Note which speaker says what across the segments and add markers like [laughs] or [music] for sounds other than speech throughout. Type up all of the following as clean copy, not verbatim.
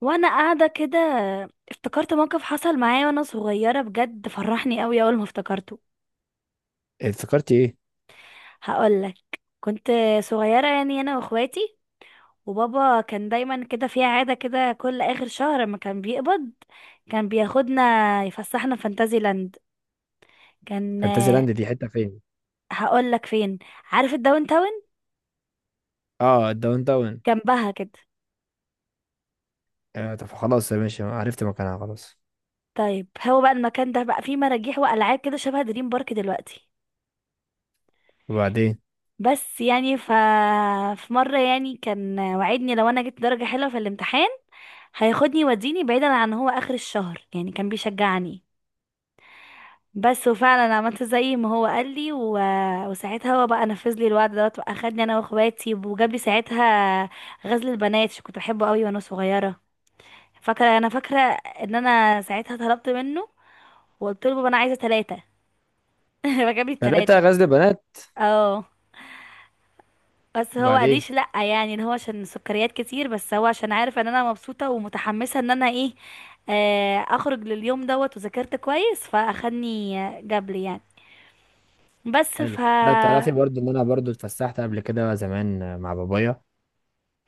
Speaker 1: وانا قاعده كده، افتكرت موقف حصل معايا وانا صغيره بجد، فرحني قوي اول ما افتكرته.
Speaker 2: افتكرت ايه؟
Speaker 1: هقولك. كنت صغيره، يعني انا واخواتي، وبابا كان دايما كده في عاده كده، كل اخر شهر ما كان بيقبض كان بياخدنا يفسحنا فانتازي لاند. كان،
Speaker 2: فانتازي لاند دي حته فين؟
Speaker 1: هقولك فين. عارف الداون تاون؟
Speaker 2: اه، الداون داون.
Speaker 1: جنبها كده.
Speaker 2: آه طب خلاص يا باشا، عرفت مكانها خلاص.
Speaker 1: طيب هو بقى المكان ده بقى فيه مراجيح والعاب كده شبه دريم بارك دلوقتي.
Speaker 2: وبعدين؟
Speaker 1: بس يعني في مرة يعني كان وعدني لو انا جبت درجة حلوة في الامتحان هياخدني يوديني بعيدا عن هو اخر الشهر، يعني كان بيشجعني بس. وفعلا عملت زي ما هو قال لي وساعتها هو بقى نفذ لي الوعد دوت، واخدني انا واخواتي وجاب لي ساعتها غزل البنات عشان كنت بحبه قوي وانا صغيرة. فاكرة، انا فاكرة ان انا ساعتها طلبت منه وقلت له بابا انا عايزة ثلاثة. [laughs] فجاب لي
Speaker 2: ثلاثة
Speaker 1: الثلاثة.
Speaker 2: غزل بنات؟
Speaker 1: اه، بس هو
Speaker 2: وبعدين؟
Speaker 1: قاليش لأ يعني، اللي هو عشان سكريات كتير، بس هو عشان عارف ان انا مبسوطة ومتحمسة ان انا ايه. اخرج لليوم دوت وذاكرت كويس فاخدني جابلي يعني. بس
Speaker 2: حلو.
Speaker 1: ف
Speaker 2: لا تعرفي برضو ان انا برضو اتفسحت قبل كده زمان مع بابايا.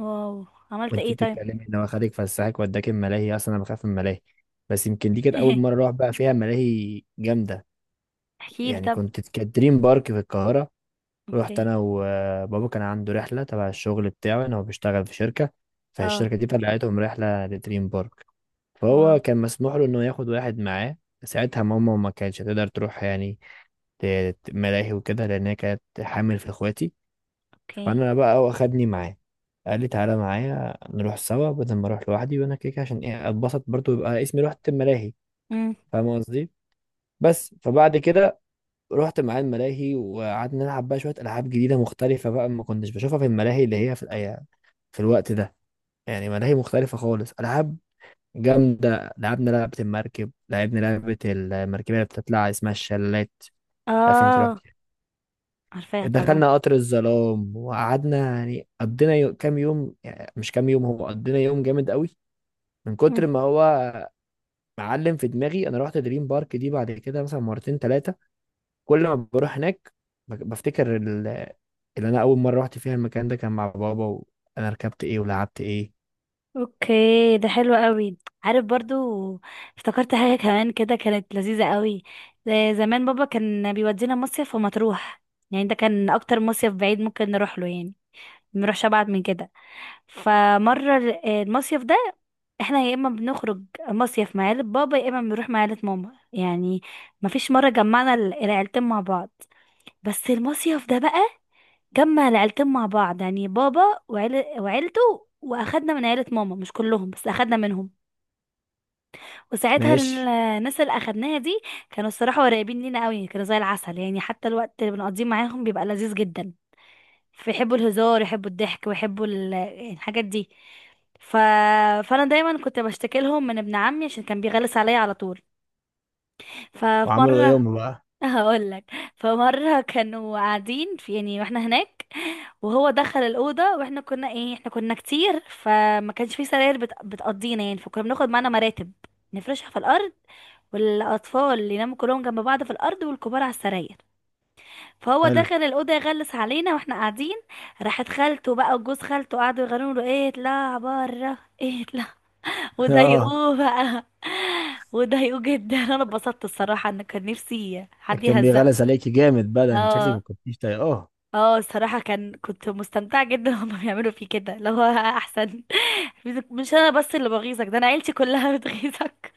Speaker 1: واو، عملت
Speaker 2: وانت
Speaker 1: ايه طيب؟
Speaker 2: بتتكلمي ان هو خدك فسحك وداك الملاهي، اصلا انا بخاف من الملاهي، بس يمكن دي كانت اول مره
Speaker 1: [laughs]
Speaker 2: اروح بقى فيها ملاهي جامده.
Speaker 1: احكيلي
Speaker 2: يعني
Speaker 1: طب.
Speaker 2: كانت دريم بارك في القاهره.
Speaker 1: اوكي.
Speaker 2: رحت انا وبابا، كان عنده رحله تبع الشغل بتاعه، ان هو بيشتغل في شركه،
Speaker 1: اه.
Speaker 2: فالشركه دي طلعتهم رحله لدريم بارك.
Speaker 1: واو.
Speaker 2: فهو كان مسموح له انه ياخد واحد معاه. ساعتها ماما ما كانتش هتقدر تروح، يعني ملاهي وكده، لان هي كانت حامل في اخواتي.
Speaker 1: اوكي.
Speaker 2: فانا بقى واخدني معاه، قال لي تعالى معايا نروح سوا بدل ما اروح لوحدي، وانا كده كده عشان ايه اتبسط برضو، يبقى اسمي رحت الملاهي.
Speaker 1: امم
Speaker 2: فاهم قصدي؟ بس فبعد كده رحت معاه الملاهي وقعدنا نلعب بقى شويه العاب جديده مختلفه بقى، ما كنتش بشوفها في الملاهي، اللي هي في في الوقت ده. يعني ملاهي مختلفه خالص، العاب جامدة. لعبنا لعبة المركب، لعبنا لعبة المركبية اللي بتطلع اسمها الشلالات. عارفين انت رحت؟
Speaker 1: اه. عارفاها طبعا.
Speaker 2: دخلنا قطر الظلام، وقعدنا يعني قضينا كام يوم، يعني مش كام يوم، هو قضينا يوم جامد قوي من كتر
Speaker 1: [laughs]
Speaker 2: ما هو معلم في دماغي. انا رحت دريم بارك دي بعد كده مثلا مرتين ثلاثة، كل ما بروح هناك ب- بفتكر ال- اللي انا اول مرة رحت فيها المكان ده كان مع بابا، وانا ركبت ايه ولعبت ايه.
Speaker 1: اوكي، ده حلو قوي. عارف، برضو افتكرت حاجة كمان كده كانت لذيذة قوي. ده زمان بابا كان بيودينا مصيف ومطروح، يعني ده كان اكتر مصيف بعيد ممكن نروح له يعني، منروحش ابعد من كده. فمرة المصيف ده، احنا يا اما بنخرج مصيف مع عيلة بابا، يا اما بنروح مع عيلة ماما يعني، مفيش مرة جمعنا العيلتين مع بعض. بس المصيف ده بقى جمع العيلتين مع بعض، يعني بابا وعيلته واخدنا من عيلة ماما مش كلهم بس اخدنا منهم. وساعتها
Speaker 2: ماشي.
Speaker 1: الناس اللي اخدناها دي كانوا الصراحة قريبين لينا قوي، كانوا زي العسل يعني، حتى الوقت اللي بنقضيه معاهم بيبقى لذيذ جدا. فيحبوا الهزار، يحبوا الضحك، ويحبوا الحاجات دي. ف... فانا دايما كنت بشتكي لهم من ابن عمي عشان كان بيغلس عليا على طول. ففي
Speaker 2: وعملوا ايه
Speaker 1: مره،
Speaker 2: هم بقى؟
Speaker 1: هقول لك. فمره كانوا قاعدين في، يعني واحنا هناك، وهو دخل الاوضه، واحنا كنا ايه، احنا كنا كتير فما كانش في سراير بتقضينا يعني، فكنا بناخد معانا مراتب نفرشها في الارض، والاطفال يناموا كلهم جنب بعض في الارض والكبار على السراير. فهو
Speaker 2: حلو.
Speaker 1: دخل الاوضه يغلس علينا واحنا قاعدين. راحت خالته بقى وجوز خالته قعدوا يغنوا له ايه، اطلع بره، ايه اطلع. [laughs]
Speaker 2: [laughs] اه.
Speaker 1: وضايقوه بقى، وضايقوه جدا. [laughs] انا اتبسطت الصراحه، ان كان نفسي حد
Speaker 2: كان
Speaker 1: يهزقه.
Speaker 2: بيغلس عليكي جامد بقى ده، أنت شكلك ما
Speaker 1: اه.
Speaker 2: كنتيش طايقاه، اه.
Speaker 1: اه الصراحة كان، كنت مستمتعة جدا. [laughs] هما بيعملوا فيه كده اللي هو احسن. [laughs] مش انا بس اللي بغيظك ده، انا عيلتي كلها [laughs] بتغيظك.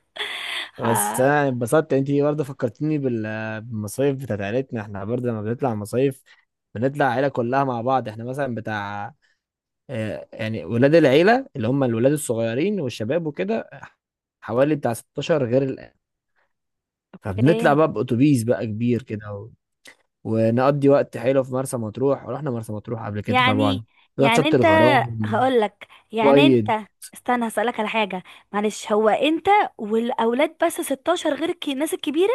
Speaker 2: بس
Speaker 1: ها،.
Speaker 2: انا انبسطت، انت برضه فكرتيني بالمصايف بتاعت عيلتنا. احنا برضه لما بنطلع مصايف بنطلع عيله كلها مع بعض. احنا مثلا بتاع يعني ولاد العيله، اللي هم الولاد الصغيرين والشباب وكده، حوالي بتاع 16 غير الآن. فبنطلع
Speaker 1: ايه.
Speaker 2: بقى بأتوبيس بقى كبير كده ونقضي وقت حلو في مرسى مطروح. ورحنا مرسى مطروح قبل كده
Speaker 1: يعني
Speaker 2: طبعا، رحت
Speaker 1: يعني
Speaker 2: شط
Speaker 1: انت،
Speaker 2: الغرام،
Speaker 1: هقولك
Speaker 2: بيض.
Speaker 1: انت، استنى هسألك على حاجة. معلش، هو انت والاولاد بس 16 غير الناس الكبيرة؟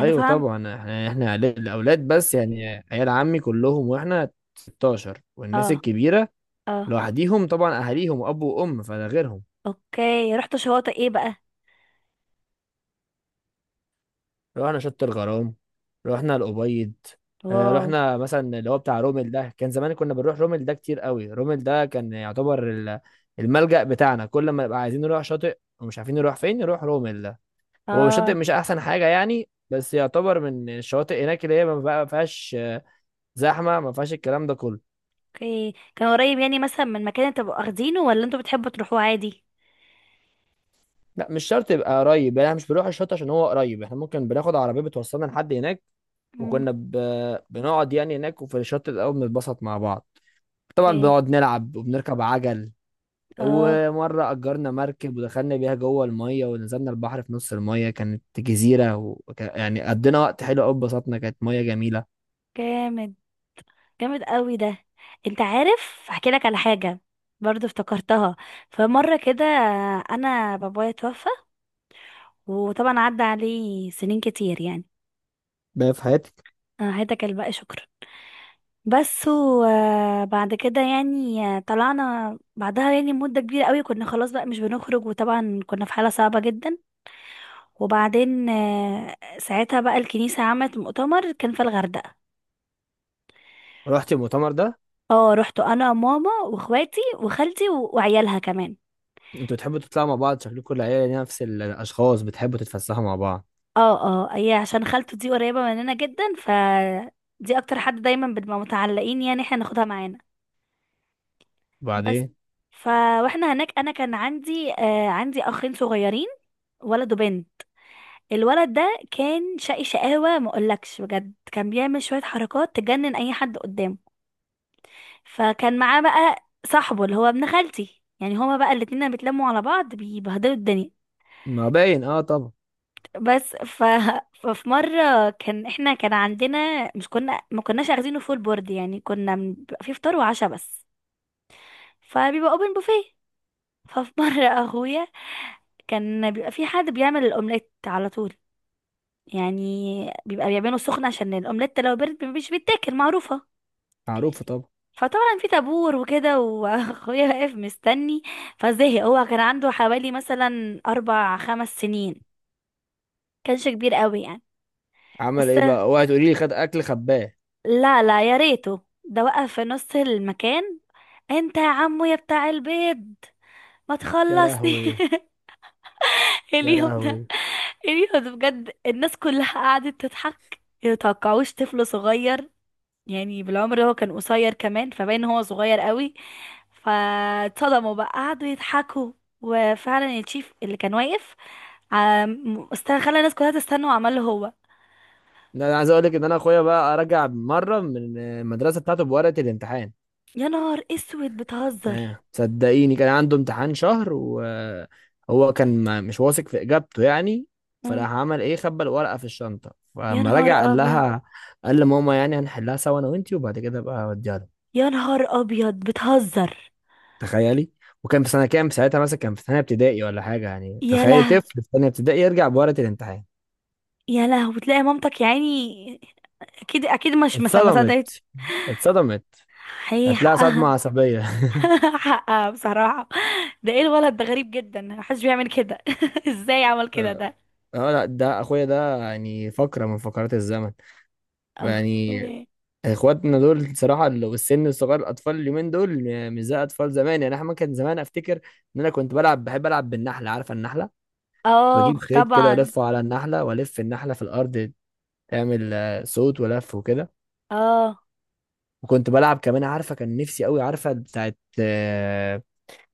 Speaker 1: انا فاهم.
Speaker 2: طبعا، احنا الاولاد بس يعني، عيال عمي كلهم واحنا 16، والناس
Speaker 1: اه.
Speaker 2: الكبيره
Speaker 1: اه.
Speaker 2: لوحديهم طبعا، اهاليهم اب وام، فده غيرهم.
Speaker 1: اوكي، رحت شواطئ ايه بقى؟
Speaker 2: رحنا شط الغرام، رحنا الابيض.
Speaker 1: واو.
Speaker 2: رحنا مثلا اللي هو بتاع رومل ده، كان زمان كنا بنروح رومل ده كتير قوي. رومل ده كان يعتبر الملجأ بتاعنا، كل ما نبقى عايزين نروح شاطئ ومش عارفين نروح فين نروح رومل ده. هو الشاطئ
Speaker 1: اه.
Speaker 2: مش احسن حاجه يعني، بس يعتبر من الشواطئ هناك اللي هي ما فيهاش زحمه، ما فيهاش الكلام ده كله.
Speaker 1: اوكي، كان قريب يعني مثلا من مكان انتوا بتبقوا واخدينه، ولا انتوا بتحبوا تروحوه عادي؟
Speaker 2: لا مش شرط يبقى قريب، يعني احنا مش بنروح الشط عشان هو قريب، احنا ممكن بناخد عربيه بتوصلنا لحد هناك. وكنا ب... بنقعد يعني هناك، وفي الشط الاول بنتبسط مع بعض طبعا،
Speaker 1: اوكي.
Speaker 2: بنقعد نلعب وبنركب عجل.
Speaker 1: اه.
Speaker 2: ومره اجرنا مركب ودخلنا بيها جوه الميه، ونزلنا البحر في نص الميه، كانت جزيره، يعني قضينا وقت حلو قوي، اتبسطنا، كانت ميه جميله.
Speaker 1: جامد، جامد قوي ده. انت عارف، احكي لك على حاجه برضو افتكرتها. فمره كده، انا بابايا توفى، وطبعا عدى عليه سنين كتير يعني.
Speaker 2: بقى في حياتك.
Speaker 1: أنا هداك الباقي شكرا. بس وبعد كده يعني، طلعنا بعدها يعني مدة كبيرة قوي، كنا خلاص بقى مش بنخرج، وطبعا كنا في حالة صعبة جدا. وبعدين، ساعتها بقى الكنيسة عملت مؤتمر كان في الغردقة.
Speaker 2: رحت المؤتمر ده؟
Speaker 1: اه، رحت انا ماما واخواتي وخالتي وعيالها كمان.
Speaker 2: انتوا بتحبوا تطلعوا مع بعض، شكلكم العيله نفس الاشخاص بتحبوا تتفسحوا مع بعض.
Speaker 1: اه. اه، هي عشان خالته دي قريبة مننا جدا، دي اكتر حد دايما بنبقى متعلقين، يعني احنا ناخدها معانا بس.
Speaker 2: وبعدين؟
Speaker 1: ف واحنا هناك، انا كان عندي آه عندي اخين صغيرين، ولد وبنت. الولد ده كان شقي شقاوة ما اقولكش بجد، كان بيعمل شوية حركات تجنن اي حد قدامه. فكان معاه بقى صاحبه اللي هو ابن خالتي، يعني هما بقى الاتنين لما بيتلموا على بعض بيبهدلوا الدنيا
Speaker 2: ما باين، اه طبعا.
Speaker 1: بس. [laughs] ففي مرة كان احنا كان عندنا، مش كنا ما كناش اخدينه فول بورد، يعني كنا بيبقى فيه فطار وعشاء بس، فبيبقى اوبن بوفيه. [laughs] ففي مرة اخويا، كان بيبقى في حد بيعمل الاومليت على طول يعني، بيبقى بيعمله سخن عشان الاومليت لو برد مش بيتاكل، معروفة.
Speaker 2: معروفه طبعا.
Speaker 1: فطبعا في طابور وكده، واخويا [laughs] واقف مستني. فزهق، هو كان عنده حوالي مثلا اربع خمس سنين، كانش كبير قوي يعني.
Speaker 2: عمل
Speaker 1: بس
Speaker 2: ايه بقى؟ اوعي تقولي لي خد اكل خباه.
Speaker 1: لا لا، يا ريته ده، وقف في نص المكان: انت يا عمو يا بتاع البيض، ما
Speaker 2: يا
Speaker 1: تخلصني.
Speaker 2: لهوي.
Speaker 1: [laughs]
Speaker 2: يا
Speaker 1: اليوم ده،
Speaker 2: لهوي.
Speaker 1: اليوم ده بجد الناس كلها قعدت تضحك، يتوقعوش طفل صغير يعني، بالعمر هو كان قصير كمان فباين هو صغير قوي. فاتصدموا بقى قعدوا يضحكوا. وفعلا الشيف اللي كان واقف، خلى الناس كلها تستنى وعمل له هو.
Speaker 2: لا انا عايز اقول لك ان انا اخويا بقى رجع مره من المدرسه بتاعته بورقه الامتحان،
Speaker 1: يا نهار اسود،
Speaker 2: يعني
Speaker 1: بتهزر.
Speaker 2: صدقيني كان عنده امتحان شهر، وهو كان مش واثق في اجابته يعني.
Speaker 1: مم.
Speaker 2: فراح عمل ايه، خبى الورقه في الشنطه،
Speaker 1: يا
Speaker 2: فلما
Speaker 1: نهار
Speaker 2: رجع قال
Speaker 1: ابيض.
Speaker 2: لها، قال لماما يعني هنحلها سوا انا وانتي، وبعد كده بقى اوديها له.
Speaker 1: يا نهار ابيض، بتهزر.
Speaker 2: تخيلي. وكان في سنه كام ساعتها، مثلا كان في ثانيه ابتدائي ولا حاجه، يعني
Speaker 1: يا
Speaker 2: تخيلي
Speaker 1: له.
Speaker 2: طفل في ثانيه ابتدائي يرجع بورقه الامتحان.
Speaker 1: يا له، وتلاقي مامتك يا عيني. اكيد اكيد، مش مس- ما صدقت.
Speaker 2: اتصدمت. اتصدمت.
Speaker 1: حقيقي،
Speaker 2: هتلاقي صدمة
Speaker 1: حقها.
Speaker 2: عصبية.
Speaker 1: [laughs] حقها بصراحة. ده ايه الولد ده، غريب جدا، محدش بيعمل كده. [laughs] ازاي
Speaker 2: [laughs]
Speaker 1: عمل كده ده.
Speaker 2: اه لا، ده اخويا ده يعني فقرة من فقرات الزمن. يعني
Speaker 1: اوكي.
Speaker 2: اخواتنا دول صراحة والسن الصغير، الاطفال اليومين دول مش زي اطفال زمان. يعني احنا كان زمان، افتكر ان انا كنت بلعب، بحب العب بالنحلة، عارفة النحلة؟ كنت بجيب
Speaker 1: اه
Speaker 2: خيط كده
Speaker 1: طبعا.
Speaker 2: والفه على النحلة والف النحلة في الارض، تعمل صوت ولف وكده.
Speaker 1: اه.
Speaker 2: وكنت بلعب كمان، عارفة كان نفسي قوي، عارفة بتاعت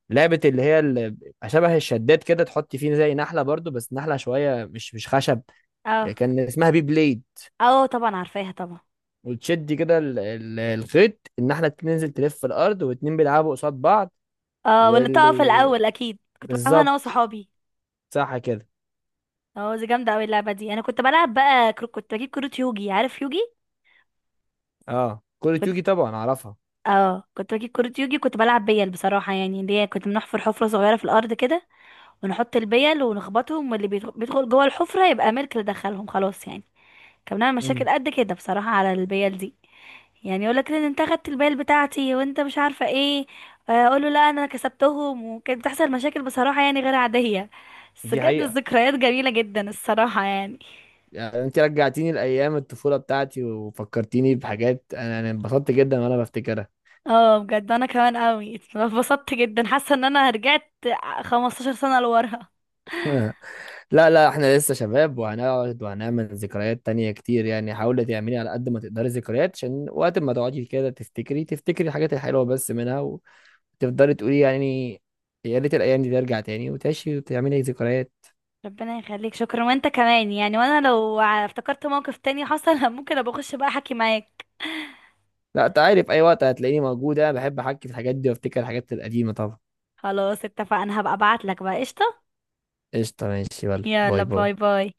Speaker 2: لعبة شبه الشداد كده، تحط فيه زي نحلة برضو، بس نحلة شوية مش خشب.
Speaker 1: اه.
Speaker 2: كان اسمها بي بليد.
Speaker 1: اه طبعا، عارفاها طبعا.
Speaker 2: وتشد كده الخيط، النحلة تنزل تلف في الأرض، واتنين بيلعبوا قصاد بعض.
Speaker 1: اه، واللي تقف
Speaker 2: واللي
Speaker 1: الاول، اكيد كنت بلعبها انا
Speaker 2: بالظبط،
Speaker 1: وصحابي.
Speaker 2: صح كده.
Speaker 1: اه دي جامدة اوي اللعبة دي. انا كنت بلعب بقى كنت بجيب كروت يوجي، عارف يوجي.
Speaker 2: اه، كل يوجي طبعا، أعرفها.
Speaker 1: اه، كنت بجيب كرة يوجي، كنت بلعب بيل بصراحة، يعني اللي هي كنت بنحفر حفرة صغيرة في الأرض كده، ونحط البيل ونخبطهم، واللي بيدخل جوه الحفرة يبقى ملك، اللي دخلهم خلاص يعني. كان بنعمل
Speaker 2: امم.
Speaker 1: مشاكل قد كده بصراحة على البيل دي، يعني يقول لك ان انت خدت البيل بتاعتي، وانت مش عارفة ايه. اقول له لا انا كسبتهم، وكانت بتحصل مشاكل بصراحة يعني غير عادية. بس
Speaker 2: دي
Speaker 1: بجد
Speaker 2: حقيقة.
Speaker 1: الذكريات جميلة جدا الصراحة يعني.
Speaker 2: يعني انت رجعتيني لأيام الطفولة بتاعتي وفكرتيني بحاجات، انا انبسطت جدا وانا بفتكرها.
Speaker 1: اه بجد، انا كمان قوي اتبسطت جدا، حاسة ان انا رجعت 15 سنة لورا.
Speaker 2: [laughs] لا لا، احنا لسه شباب وهنقعد وهنعمل ذكريات تانية كتير. يعني حاولي تعملي على قد ما تقدري ذكريات، عشان وقت ما تقعدي كده تفتكري الحاجات الحلوة بس منها، وتفضلي تقولي يعني يا ريت الأيام دي ترجع تاني، وتعيشي وتعملي ذكريات.
Speaker 1: ربنا يخليك، شكرا، وانت كمان يعني. وانا لو افتكرت موقف تاني حصل [laughs] ممكن ابقى اخش بقى احكي معاك.
Speaker 2: لا انت عارف، أي وقت هتلاقيني موجودة، بحب أحكي في الحاجات دي وأفتكر الحاجات القديمة طبعا.
Speaker 1: خلاص اتفقنا، هبقى ابعت لك بقى، قشطة.
Speaker 2: قشطة ماشي، يلا
Speaker 1: يلا
Speaker 2: باي باي.
Speaker 1: باي باي.